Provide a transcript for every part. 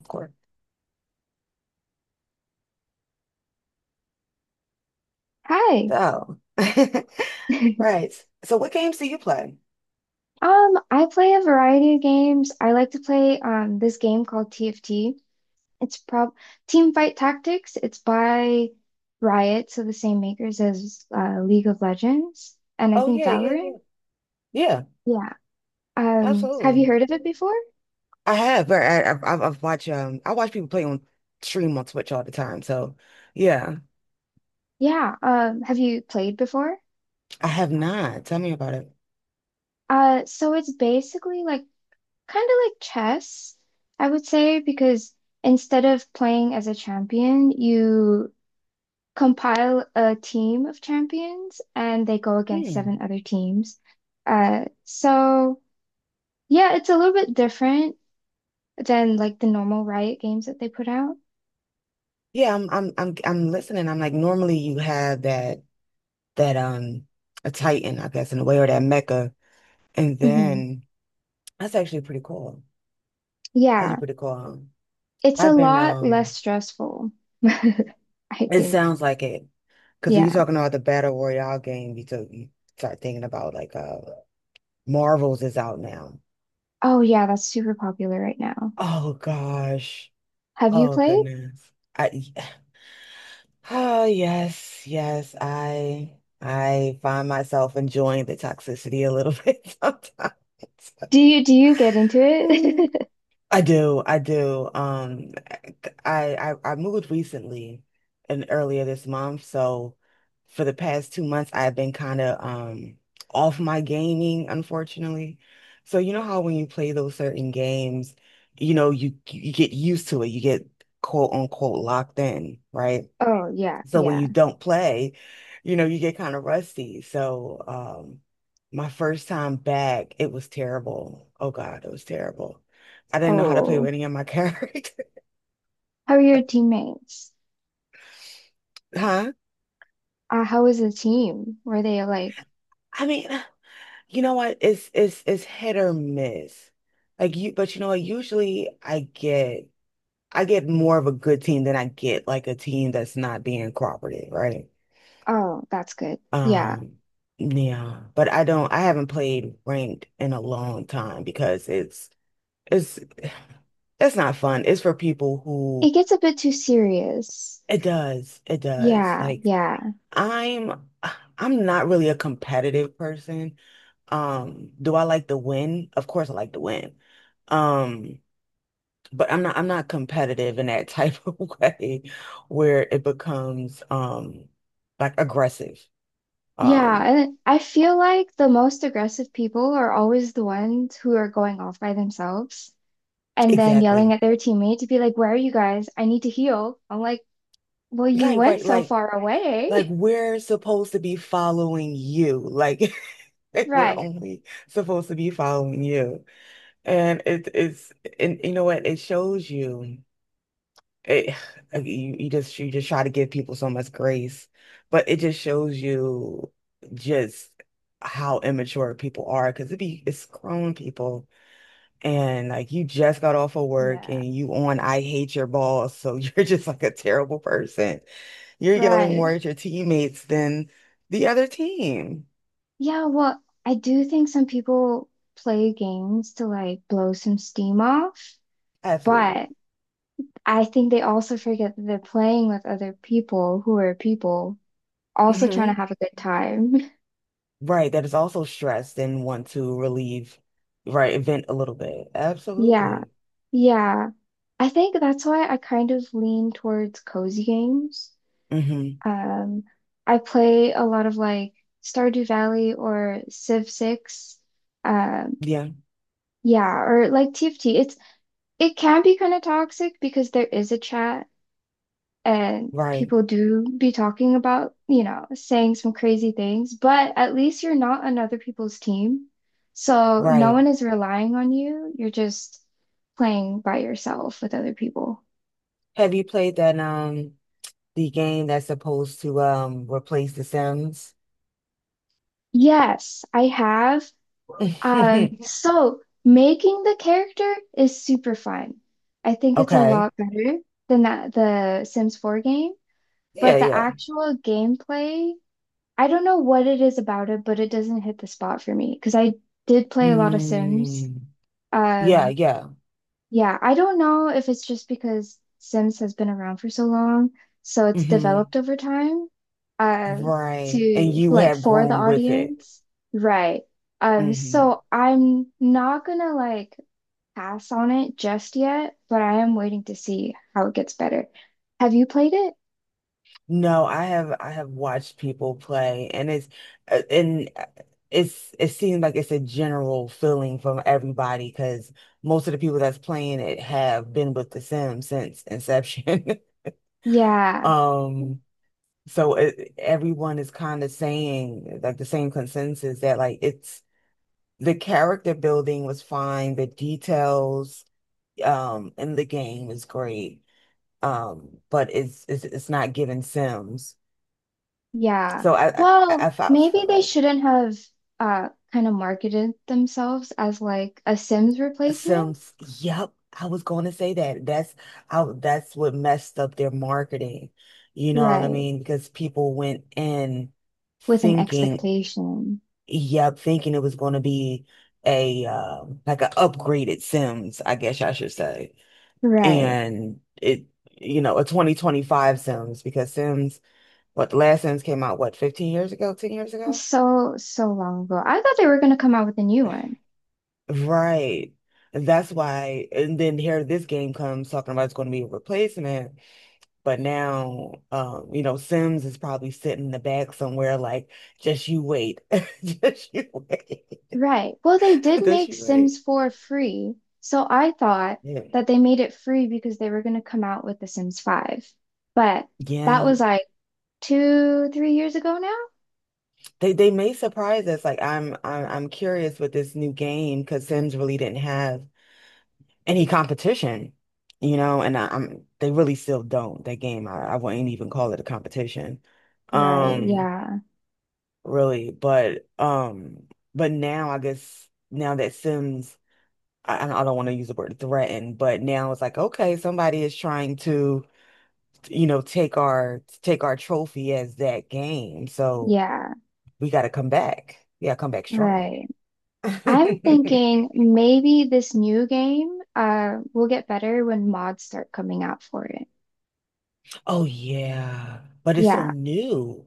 Of course. Hi. So, right. So, what games do you play? I play a variety of games. I like to play this game called TFT. It's prob Team Fight Tactics. It's by Riot, so the same makers as League of Legends and I Oh think yeah, yeah, yeah, Valorant. yeah. Yeah. Have Absolutely. you heard of it before? I have, but I've watched I watch people play on stream on Twitch all the time. So, yeah, Yeah. Have you played before? I have not. Tell me about it. So it's basically like kind of like chess, I would say, because instead of playing as a champion, you compile a team of champions and they go against Hmm. seven other teams. So yeah, it's a little bit different than like the normal Riot games that they put out. Yeah, I'm listening. I'm like normally you have that a Titan, I guess, in a way, or that Mecca, and Hmm. then that's actually pretty cool. That's actually Yeah, pretty cool. it's a I've been lot less um. stressful, I It think. sounds like it. Because when you're Yeah. talking about the Battle Royale game, you start thinking about like Marvel's is out now. Oh yeah, that's super popular right now. Oh gosh. Have you Oh played? goodness. I oh yes, yes. I find myself enjoying the toxicity a little bit sometimes. Do you get into it? I do, I do. I, I moved recently and earlier this month, so for the past 2 months I've been kind of off my gaming, unfortunately. So you know how when you play those certain games, you know, you get used to it. You get quote unquote locked in, right? Oh yeah, So when yeah. you don't play, you know, you get kind of rusty. So my first time back, it was terrible. Oh God, it was terrible. I didn't know how to play with Oh, any of my characters. how are your teammates? Huh? How was the team? Were they like I mean, you know what? It's hit or miss. Like you, but you know what? Usually I get more of a good team than I get like a team that's not being cooperative, right? Oh, that's good. Yeah. Um, yeah. But I haven't played ranked in a long time because it's that's not fun. It's for people who It gets a bit too serious. it does. It does. Yeah, Like yeah. I'm I'm not really a competitive person. Do I like to win? Of course I like to win. Um, but I'm not competitive in that type of way where it becomes like aggressive. Yeah, Um, and I feel like the most aggressive people are always the ones who are going off by themselves and then yelling exactly. at their teammate to be like, "Where are you guys? I need to heal." I'm like, "Well, you Like went right, so far like away." we're supposed to be following you. Like Like we're Right. only supposed to be following you. And it it's and you know what? It shows you it like, you, you just try to give people so much grace, but it just shows you just how immature people are because it's grown people and like you just got off of work Yeah. and you on I hate your boss, so you're just like a terrible person. You're yelling more Right. at your teammates than the other team. Yeah, well, I do think some people play games to like blow some steam off, Absolutely. but I think they also forget that they're playing with other people who are people also trying Mm-hmm. to have a good time. Right, that is also stressed and want to relieve, right, vent a little bit. Yeah. Absolutely. Yeah. I think that's why I kind of lean towards cozy games. Hmm Um, I play a lot of like Stardew Valley or Civ 6. Um, Yeah, yeah, or like TFT. It can be kind of toxic because there is a chat and right, people do be talking about, you know, saying some crazy things, but at least you're not on other people's team. So no right. one is relying on you. You're just playing by yourself with other people. Have you played that the game that's supposed to replace The Sims? Yes, I have. So making the character is super fun. I think it's a Okay. lot better than that the Sims 4 game, Yeah, but the yeah. actual gameplay, I don't know what it is about it, but it doesn't hit the spot for me because I did play a lot of Sims. Hmm. Yeah, Um, yeah. yeah, I don't know if it's just because Sims has been around for so long, so it's hmm developed over time, uh, Right. And to you like have for the grown with it. audience, right? Hmm. So I'm not gonna like pass on it just yet, but I am waiting to see how it gets better. Have you played it? No, I have watched people play and uh, and uh, it's it seems like it's a general feeling from everybody because most of the people that's playing it have been with The Sims since inception. Yeah. Um, so it, everyone is kind of saying like the same consensus that like it's the character building was fine, the details in the game is great. But it's not giving Sims. Yeah. So I, Well, I felt for maybe they like shouldn't have kind of marketed themselves as like a Sims replacement. Sims. Yep, I was going to say that. That's how. That's what messed up their marketing. You know what I Right. mean? Because people went in With an thinking, expectation. yep, thinking it was going to be a like an upgraded Sims, I guess I should say, Right. and it, you know, a 2025 Sims because Sims, what the last Sims came out, what, 15 years ago, 10 years ago? So, so long ago. I thought they were gonna come out with a new one. Right. And that's why, and then here this game comes talking about it's going to be a replacement, but now, you know, Sims is probably sitting in the back somewhere, like, just you wait, just you wait, Right. Well, they did just make you wait. Sims 4 free. So I thought Yeah, that they made it free because they were gonna come out with The Sims 5. But that yeah. was like 2, 3 years ago now. They may surprise us. Like, I'm curious with this new game because Sims really didn't have any competition, you know, I'm they really still don't. I wouldn't even call it a competition. Right. Um. Yeah. Really. But now I guess now that I don't want to use the word threaten, but now it's like, okay, somebody is trying to, you know, take our trophy as that game. So Yeah. we got to come back. Yeah, come back strong. Right. I'm thinking maybe this new game will get better when mods start coming out for it. Oh yeah, but it's so Yeah, new.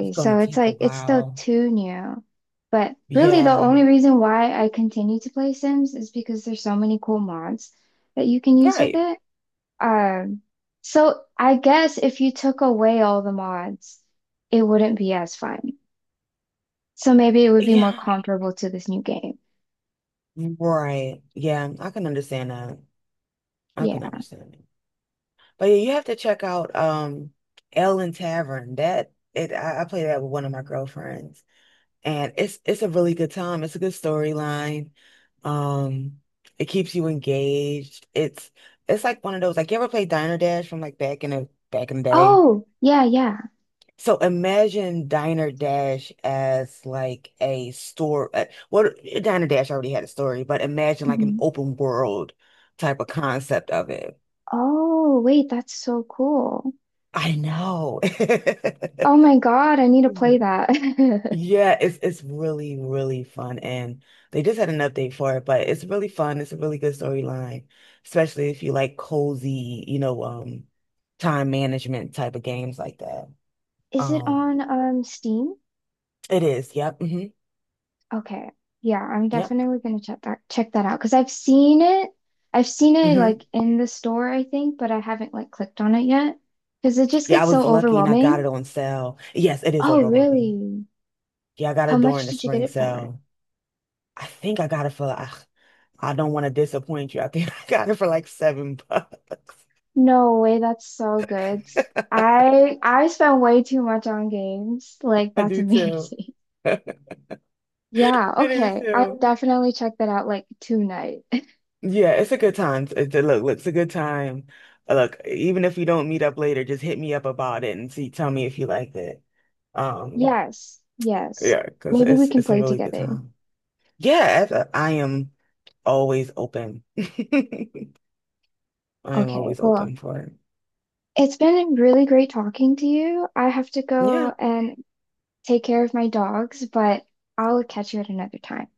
It's gonna So it's take a like it's still while. too new. But really the Yeah, only reason why I continue to play Sims is because there's so many cool mods that you can use with right. it. Um, so I guess if you took away all the mods, it wouldn't be as fun. So maybe it would be more Yeah, comparable to this new game. right. Yeah, I can understand that. I can Yeah. understand But yeah, you have to check out Ellen Tavern. I play that with one of my girlfriends and it's a really good time. It's a good storyline. Um, it keeps you engaged. It's like one of those like you ever play Diner Dash from like back in the day? Oh, yeah, yeah. So imagine Diner Dash as like a store. Diner Dash already had a story, but imagine like an Mhm. open world type of concept of it. Oh, wait, that's so cool. I know. Oh my God, I need to play that. Yeah, it's really, really fun. And they just had an update for it, but it's really fun. It's a really good storyline, especially if you like cozy, you know, time management type of games like that. Is it Um, on Steam? it is. Yep. hmm Okay. Yeah, I'm Yep. definitely gonna check that out because I've seen it. I've seen it hmm like in the store, I think, but I haven't like clicked on it yet because it just Yeah, I gets was so lucky and I got it overwhelming. on sale. Yes, it is Oh, overwhelming. really? Yeah, I got How it during much the did you get spring it for? sale. I think I got it for, I don't want to disappoint you. I think I got it for like $7. No way, that's so good. I spend way too much on games. Like, I that's do too. amazing. Yeah, I do okay. I'll too. definitely check that out like tonight. Yeah, it's a good time. Look, look, it's a good time. Look, even if we don't meet up later, just hit me up about it and see, tell me if you liked it. Um, Yes, yes. yeah, because Maybe we can it's a play really good together. time. I am always open. I am Okay, always well, open for it. it's been really great talking to you. I have to go Yeah. and take care of my dogs, but I'll catch you at another time.